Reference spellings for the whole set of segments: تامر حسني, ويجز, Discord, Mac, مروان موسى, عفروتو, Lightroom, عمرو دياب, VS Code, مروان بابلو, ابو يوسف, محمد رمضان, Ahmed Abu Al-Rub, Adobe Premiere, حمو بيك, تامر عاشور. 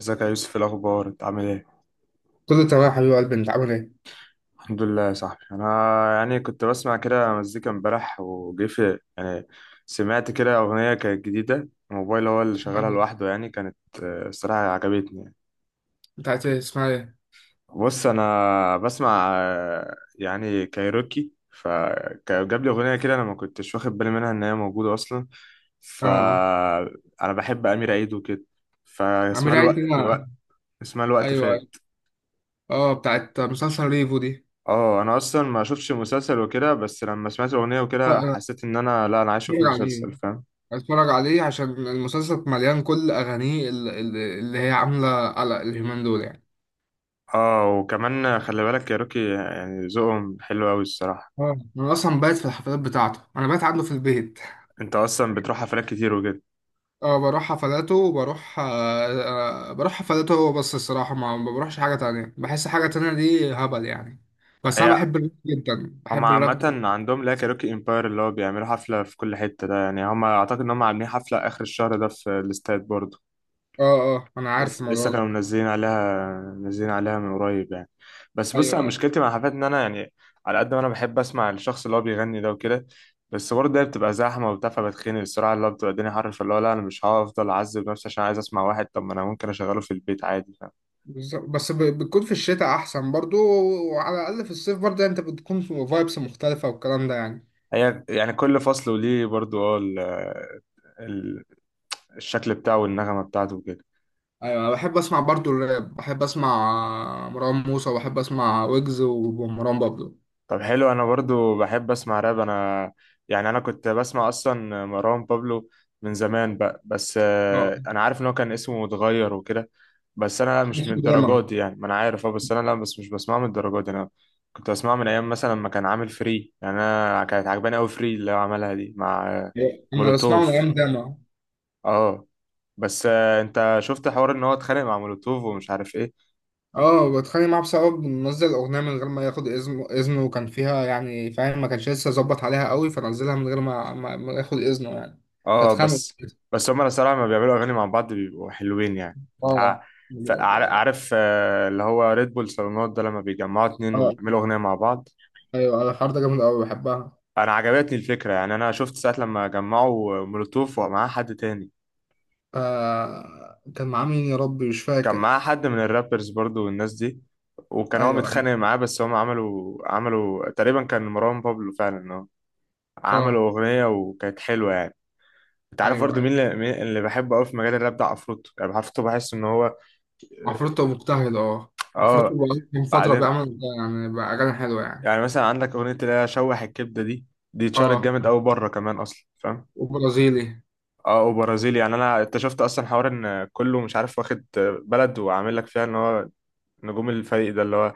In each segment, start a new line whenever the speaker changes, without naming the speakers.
ازيك يا يوسف؟ إيه الاخبار؟ انت عامل ايه؟
كله تمام يا حبيب قلبي، انت عامل ايه؟
الحمد لله يا صاحبي. انا يعني كنت بسمع كده مزيكا امبارح، وجه في يعني، سمعت كده اغنيه كانت جديده، الموبايل هو اللي شغالها
أيوة.
لوحده يعني كانت. آه، الصراحه عجبتني يعني.
بتاعت ايه؟ اسمها ايه؟
بص انا بسمع يعني كايروكي، فجاب لي اغنيه كده انا ما كنتش واخد بالي منها ان هي موجوده اصلا،
اه، آه.
فانا بحب امير عيد وكده. فاسمها
عامل ايه
الوقت،
كده؟
اسمها الوقت
ايوه، ايوه.
فات.
اه، بتاعت مسلسل ريفو دي.
اه، انا اصلا ما شفتش المسلسل وكده، بس لما سمعت الاغنيه
اه،
وكده
آه.
حسيت ان انا، لا انا عايش في
اتفرج عليه،
المسلسل، فاهم.
اتفرج عليه عشان المسلسل مليان، كل اغانيه اللي هي عامله على اليومين دول يعني.
اه، وكمان خلي بالك يا روكي، يعني ذوقهم حلو قوي الصراحه.
اه، انا اصلا بايت في الحفلات بتاعته، انا بايت عنده في البيت.
انت اصلا بتروح حفلات كتير وكده؟
اه، بروح حفلاته وبروح بروح حفلاته هو بس الصراحه، ما بروحش حاجه تانية، بحس حاجه تانية دي هبل يعني. بس انا
هي،
بحب الراب جدا،
هم
بحب
عامه
الراب.
عندهم لا كاروكي امباير اللي هو بيعملوا حفله في كل حته ده يعني، هم اعتقد ان هم عاملين حفله اخر الشهر ده في الاستاد برضه.
اه، اه، انا عارف
بس لسه
الموضوع ده.
كانوا منزلين عليها من قريب يعني. بس بص، انا
ايوه، ايوه.
مشكلتي مع حفلات ان انا يعني، على قد ما انا بحب اسمع الشخص اللي هو بيغني ده وكده، بس برضه هي بتبقى زحمه وبتاع، فبتخنق الصراحه، اللي هو بتبقى الدنيا حر، فاللي هو لا، انا مش هفضل اعذب نفسي عشان عايز اسمع واحد، طب ما انا ممكن اشغله في البيت عادي، فاهم.
بالظبط، بس بتكون في الشتاء احسن برضو، وعلى الاقل في الصيف برضو يعني انت بتكون في فايبس مختلفه والكلام ده يعني.
هي يعني كل فصل وليه برضه. ال- الشكل بتاعه والنغمه بتاعته وكده.
ايوه، أنا بحب اسمع برضو الراب، بحب اسمع مروان موسى وبحب اسمع ويجز ومروان بابلو.
طب حلو، انا برضو بحب اسمع راب انا، يعني انا كنت بسمع اصلا مروان بابلو من زمان بقى، بس
اه،
انا عارف ان هو كان اسمه متغير وكده. بس انا
كان
مش من
اسمه
الدرجات
داما.
دي يعني، ما انا عارف اه، بس انا لا، بس مش بسمعه من الدرجات دي انا، كنت بسمعه من ايام مثلا ما كان عامل فري، يعني انا كانت عجباني قوي فري اللي هو عملها دي مع
انا بسمعه من
مولوتوف.
ايام داما.
اه، بس انت شفت حوار ان هو اتخانق مع مولوتوف ومش عارف ايه؟
اه، بتخانق معاه بسبب إنه نزل اغنيه من غير ما ياخد اذنه، وكان فيها يعني فاهم، ما كانش لسه ظبط عليها قوي، فنزلها من غير ما ياخد اذنه يعني.
اه
فاتخانقوا.
بس. بس هما الصراحة لما بيعملوا أغاني مع بعض بيبقوا حلوين يعني. تع-
اه،
عارف اللي هو ريد بول صالونات ده، لما بيجمعوا اتنين
اه.
ويعملوا أغنية مع بعض.
ايوه، انا الحوار ده جامد قوي، بحبها.
أنا عجبتني الفكرة، يعني أنا شفت ساعة لما جمعوا مولوتوف ومعاه حد تاني،
آه، كان معاه مين يا ربي؟ مش
كان
فاكر.
معاه حد من الرابرز برضو والناس دي، وكان هو
ايوه، ايوه.
متخانق معاه، بس هم عملوا تقريبا، كان مروان بابلو فعلا، اه،
اه،
عملوا أغنية وكانت حلوة يعني. انت عارف
ايوه،
برضو مين
ايوه.
اللي, مين اللي بحبه قوي في مجال الراب ده؟ عفروتو، يعني عفروتو بحس ان هو،
عفروتو مجتهد، اه.
اه
عفروتو
آه،
بقى من فترة
بعدين،
بيعمل يعني بقى أغاني حلوة يعني.
يعني مثلا عندك اغنيه اللي هي شوح الكبده دي، دي اتشهرت جامد
اه،
قوي بره كمان اصلا، فاهم.
وبرازيلي.
اه وبرازيلي، يعني انا اكتشفت اصلا حوار ان كله مش عارف واخد بلد وعامل لك فيها، ان هو نجوم الفريق ده اللي هو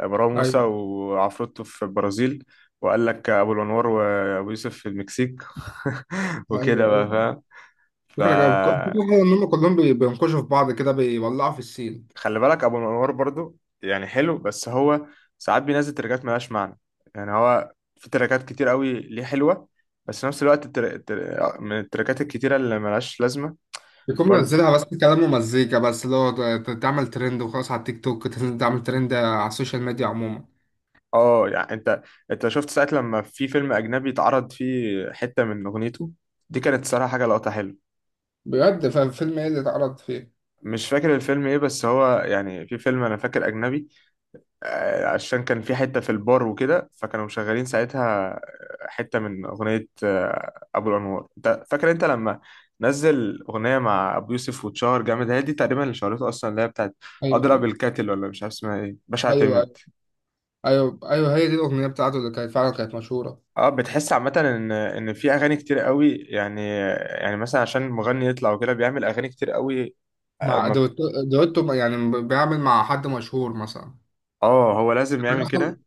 مروان موسى
ايوه،
وعفروتو في البرازيل، وقال لك ابو الانوار وابو يوسف في المكسيك. وكده
ايوه،
بقى،
ايوه. فكرة جاية، فكرة
فاهم.
حلوة إن هم كلهم بينقشوا في بعض كده، بيولعوا في السين.
خلي بالك ابو الانوار برضو يعني حلو، بس هو ساعات بينزل تراكات ملهاش معنى. يعني هو في تراكات كتير قوي ليه حلوه، بس في نفس الوقت من التراكات الكتيره اللي ملهاش لازمه
بيكون
برضو.
منزلها بس كلام ومزيكا بس، اللي هو تعمل ترند وخلاص على التيك توك، تعمل ترند على السوشيال ميديا عموما.
اه يعني، انت شفت ساعه لما في فيلم اجنبي اتعرض فيه حته من اغنيته؟ دي كانت صراحه حاجه لقطه حلوه.
بجد؟ فالفيلم ايه اللي اتعرض فيه؟
مش فاكر الفيلم ايه، بس هو يعني في فيلم انا فاكر اجنبي، عشان كان في حتة في البار وكده، فكانوا مشغلين ساعتها حتة من أغنية، أبو الأنوار. أنت فاكر أنت لما نزل أغنية مع أبو يوسف واتشهر جامد؟ هي دي تقريبا اللي شهرته أصلا، اللي هي بتاعت
ايوه،
أضرب
ايوه،
الكاتل، ولا مش عارف اسمها إيه، باشا
ايوه،
اعتمد.
ايوه، ايوه. هي دي الاغنيه بتاعته اللي كانت فعلا كانت مشهوره.
أه، بتحس عامة إن في أغاني كتير قوي يعني، يعني مثلا عشان مغني يطلع وكده بيعمل أغاني كتير قوي، آه
مع
ما-
دويتو. دويتو يعني بيعمل مع حد مشهور مثلا.
هو لازم يعمل
مثلا.
كده.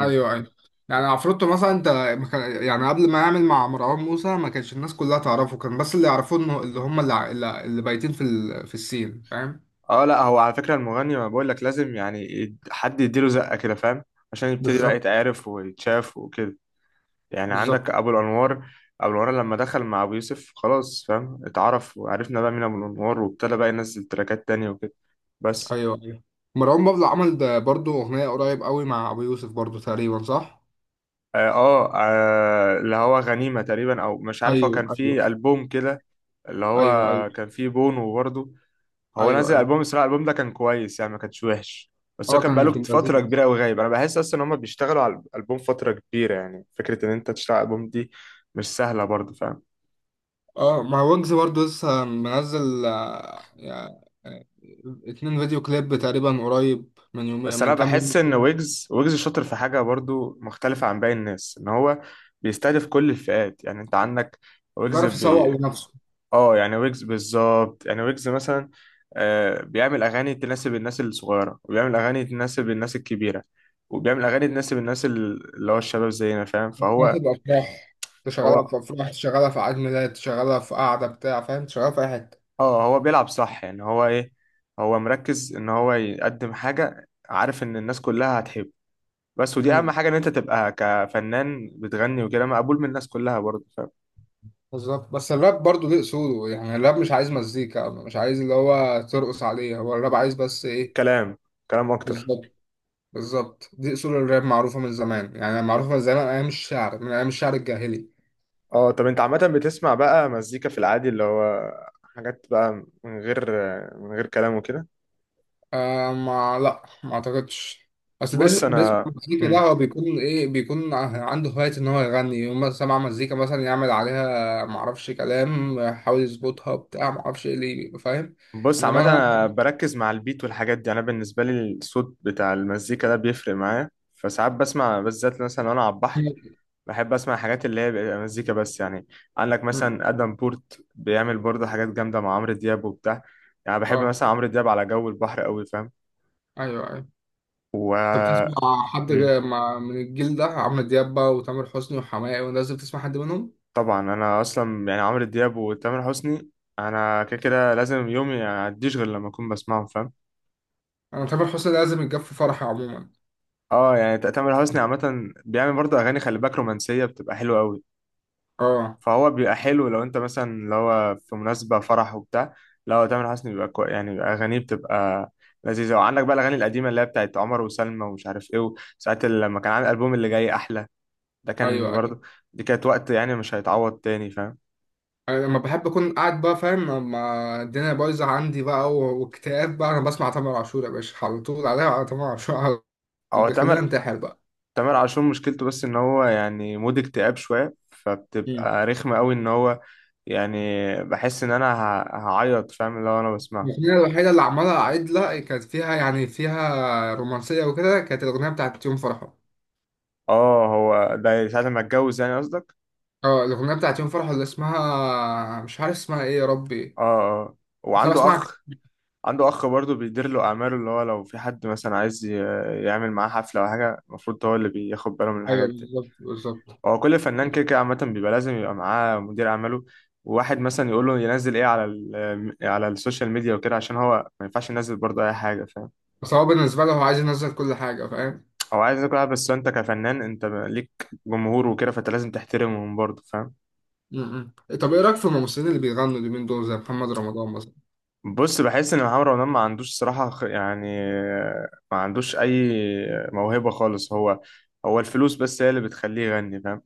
ايوه، ايوه. يعني عفروتو مثلا انت ما كان- يعني قبل ما يعمل مع مروان موسى ما كانش الناس كلها تعرفه، كان بس اللي يعرفوه انه اللي اللي بايتين في في السين فاهم.
اه لا، هو على فكرة المغني، ما بقول لك لازم يعني حد يديله زقة كده، فاهم، عشان يبتدي بقى
بالظبط،
يتعرف ويتشاف وكده. يعني
بالظبط.
عندك ابو الانوار، ابو الانوار لما دخل مع ابو يوسف خلاص، فاهم، اتعرف وعرفنا بقى مين ابو الانوار، وابتدى بقى ينزل تراكات تانية وكده. بس
ايوه، ايوه. مروان بابلو عمل ده برضو، اغنيه قريب قوي مع ابو يوسف برضو تقريبا، صح؟
اللي هو غنيمة تقريبا، او مش عارف، هو
ايوه،
كان
ايوه،
فيه ألبوم كده اللي
ايوه، ايوه،
هو كان فيه بونو برضه. هو
ايوه،
نزل
ايوه.
البوم، الصراحه الالبوم ده كان كويس يعني، ما كانش وحش، بس هو
اه،
كان
كان
بقاله
في
فتره
البرازيل.
كبيره قوي غايب. انا بحس اصلا ان هم بيشتغلوا على الالبوم فتره كبيره، يعني فكره ان انت تشتغل على الالبوم دي مش سهله برضه، فاهم.
اه، مع ويجز برضه لسه منزل يعني اتنين فيديو كليب تقريبا، قريب من يومين،
بس انا
من كام يوم
بحس ان
كده.
ويجز شاطر في حاجه برضه مختلفه عن باقي الناس، ان هو بيستهدف كل الفئات. يعني انت عندك ويجز
بيعرف يسوق لنفسه.
اه يعني ويجز بالظبط، يعني ويجز مثلا آه بيعمل اغاني تناسب الناس الصغيره، وبيعمل اغاني تناسب الناس الكبيره، وبيعمل اغاني تناسب الناس اللي هو الشباب زينا، فاهم. فهو
بيناسب أفراح، تشغلها
هو
في أفراح، تشغلها في عيد ميلاد، تشغلها في قعدة بتاع فاهم، تشغلها في أي حتة.
اه هو بيلعب صح، يعني هو ايه، هو مركز ان هو يقدم حاجة عارف ان الناس كلها هتحبه، بس ودي اهم
أمم،
حاجة، ان انت تبقى كفنان بتغني وكده مقبول من الناس كلها برضه، فاهم.
بالظبط. بس الراب برضه ليه أصوله يعني، الراب مش عايز مزيكا، مش عايز اللي هو ترقص عليه، هو الراب عايز بس إيه؟
كلام كلام اكتر.
بالظبط، بالظبط. دي أصول الراب معروفة من زمان يعني، معروفة من زمان أيام الشعر، من أيام الشعر الجاهلي.
اه طب انت عامة بتسمع بقى مزيكا في العادي، اللي هو حاجات بقى من غير من غير كلام وكده؟
آه، ما لا، ما اعتقدش. اصل
بص
بيسمع
انا
مزيكا، ده
مم.
هو بيكون ايه؟ بيكون عنده هواية ان هو يغني، يوم ما سمع مزيكا مثلا يعمل عليها. ما اعرفش، كلام يحاول يظبطها بتاع، ما اعرفش ايه اللي فاهم.
بص عامة،
انما
انا بركز مع البيت والحاجات دي، انا بالنسبة لي الصوت بتاع المزيكا ده بيفرق معايا، فساعات بسمع، بالذات مثلا وانا على البحر،
انا.
بحب اسمع حاجات اللي هي بيبقى مزيكا بس يعني. عندك مثلا ادم بورت بيعمل برضه حاجات جامده مع عمرو دياب وبتاع، يعني بحب
اه،
مثلا عمرو دياب على جو البحر قوي، فاهم.
ايوه، ايوه.
و
انت بتسمع حد
مم.
من الجيل ده، عمرو دياب بقى وتامر حسني وحماقي، ولازم تسمع حد منهم.
طبعا انا اصلا يعني عمرو دياب وتامر حسني، انا كده كده لازم يومي ما يعديش غير لما اكون بسمعهم، فاهم.
انا تامر حسني لازم يتجاب في فرحي عموما.
اه يعني تامر حسني عامه بيعمل برضه اغاني، خلي بالك، رومانسيه بتبقى حلوه قوي.
اه،
فهو بيبقى حلو لو انت مثلا اللي هو في مناسبة فرح وبتاع، لو تامر حسني بيبقى كوي يعني، بيبقى أغانيه بتبقى لذيذة. وعندك بقى الأغاني القديمة اللي هي بتاعت عمر وسلمى ومش عارف ايه، وساعات لما كان عامل ألبوم اللي جاي أحلى، ده كان
ايوه، ايوه.
برضه، دي كانت وقت يعني مش هيتعوض تاني، فاهم.
انا لما بحب اكون قاعد بقى فاهم، لما الدنيا بايظه عندي بقى واكتئاب بقى، انا بسمع تامر عاشور يا باشا على طول، عليها على تامر عاشور على طول.
هو
بيخليني
تامر
انتحر بقى.
تامر عاشور مشكلته بس إن هو يعني مود اكتئاب شوية،
مم.
فبتبقى رخمة قوي إن هو يعني، بحس إن أنا هعيط، فاهم، لو أنا بسمعه.
الأغنية الوحيدة اللي عمالة أعيد لها كانت فيها يعني فيها رومانسية وكده، كانت الأغنية بتاعت يوم فرحة.
اه هو ده ساعة ما اتجوز يعني قصدك؟
اه، الأغنية بتاعت يوم فرحة اللي اسمها، مش عارف اسمها ايه يا ربي،
اه، اه.
بس أنا
وعنده
بسمعها.
أخ عنده اخ برضه بيدير له اعماله، اللي هو لو في حد مثلا عايز يعمل معاه حفله او حاجه، المفروض هو اللي بياخد باله من
أيوه،
الحاجات دي.
بالظبط، بالظبط.
هو كل فنان كده كده عامه بيبقى لازم يبقى معاه مدير اعماله، وواحد مثلا يقول له ينزل ايه على على السوشيال ميديا وكده، عشان هو ما ينفعش ينزل برضه اي حاجه، فاهم.
بس هو بالنسبة له هو عايز ينزل كل حاجة فاهم.
هو عايز يكون عارف، بس انت كفنان انت ليك جمهور وكده، فانت لازم تحترمهم برضه، فاهم.
م- م. طب ايه رأيك في الممثلين اللي بيغنوا اليومين دول زي محمد رمضان مثلا؟
بص، بحس ان محمد رمضان ما عندوش صراحه يعني ما عندوش اي موهبه خالص. هو، الفلوس بس هي اللي بتخليه يغني، فاهم،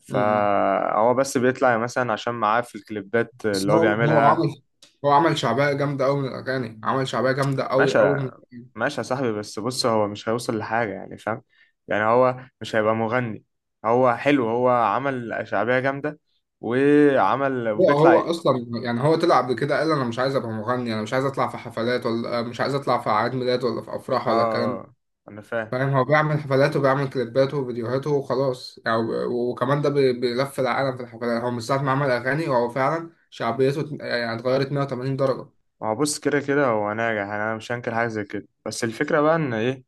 فهو بس بيطلع مثلا عشان معاه في الكليبات
بس
اللي هو
هو
بيعملها.
عمل، هو عمل شعبيه جامده قوي من الاغاني، عمل شعبيه جامده قوي
ماشي،
قوي من.
ماشي يا صاحبي، بس بص هو مش هيوصل لحاجة يعني، فاهم، يعني هو مش هيبقى مغني. هو حلو، هو عمل شعبية جامدة وعمل
هو
وبيطلع،
هو اصلا يعني هو طلع قبل كده، قال انا مش عايز ابقى مغني، انا مش عايز اطلع في حفلات، ولا مش عايز اطلع في اعياد ميلاد ولا في افراح
آه،
ولا الكلام ده
آه، انا فاهم.
فاهم. هو بيعمل حفلاته وبيعمل كليباته وفيديوهاته وخلاص يعني، وكمان ده بيلف العالم في الحفلات. هو من ساعه ما عمل اغاني هو فعلا شعبيته يعني اتغيرت 180 درجه.
ما هو بص، كده كده هو ناجح يعني، انا مش هنكر حاجة زي كده، بس الفكرة بقى ان ايه،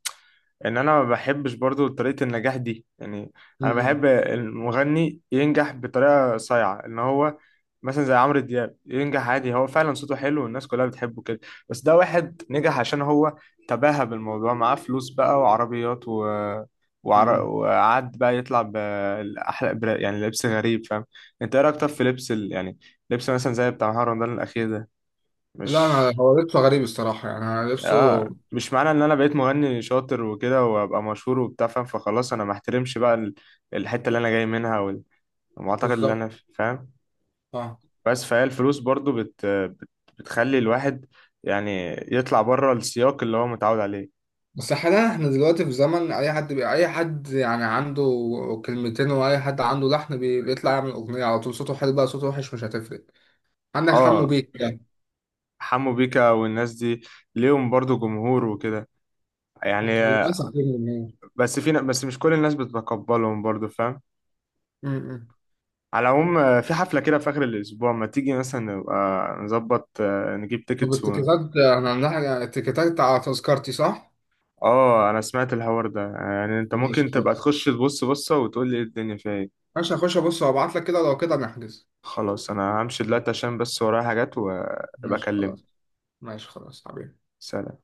ان انا ما بحبش برضو طريقة النجاح دي يعني.
م-
انا
م-
بحب المغني ينجح بطريقة صايعة، ان هو مثلا زي عمرو دياب ينجح عادي، هو فعلا صوته حلو والناس كلها بتحبه كده، بس ده واحد نجح عشان هو تباهى بالموضوع، معاه فلوس بقى وعربيات
م- م.
وقعد بقى يطلع بأحلى يعني لبس غريب، فاهم. انت ايه رأيك طب في لبس يعني لبس مثلا زي بتاع مهرجان رمضان الأخير ده؟
لا،
مش،
انا هو لبسه غريب الصراحه يعني، أنا لبسه.
اه، مش معنى ان انا بقيت مغني شاطر وكده وابقى مشهور وبتاع، فاهم، فخلاص انا ما احترمش بقى الحته اللي انا جاي منها والمعتقد اللي
بالظبط.
انا فيه، فاهم.
اه،
بس فهي الفلوس برضو بتخلي الواحد يعني يطلع بره السياق اللي هو متعود عليه.
بس حاليا احنا دلوقتي في زمن اي حد اي حد يعني عنده كلمتين، واي حد عنده لحن بيطلع يعمل اغنيه على طول. صوته حلو بقى صوته وحش مش هتفرق. عندك حمو
اه،
بيك يعني.
حمو بيكا والناس دي ليهم برضو جمهور وكده، يعني
للاسف غير الجمهور.
بس في ن- بس مش كل الناس بتتقبلهم برضو، فاهم.
م- م.
على العموم في حفلة كده في آخر الأسبوع، ما تيجي مثلا نبقى نظبط نجيب
طب
تيكتس.
التيكيتات، احنا عندنا التيكيتات على تذكرتي، صح؟
اه انا سمعت الحوار ده يعني، انت
ماشي
ممكن تبقى
خلاص.
تخش تبص بصة وتقول لي ايه الدنيا فيها ايه.
ماشي هخش ابص وابعت لك كده، لو كده نحجز.
خلاص انا همشي دلوقتي عشان بس ورايا حاجات، وابقى
ماشي خلاص.
اكلمك.
ماشي خلاص حبيبي.
سلام.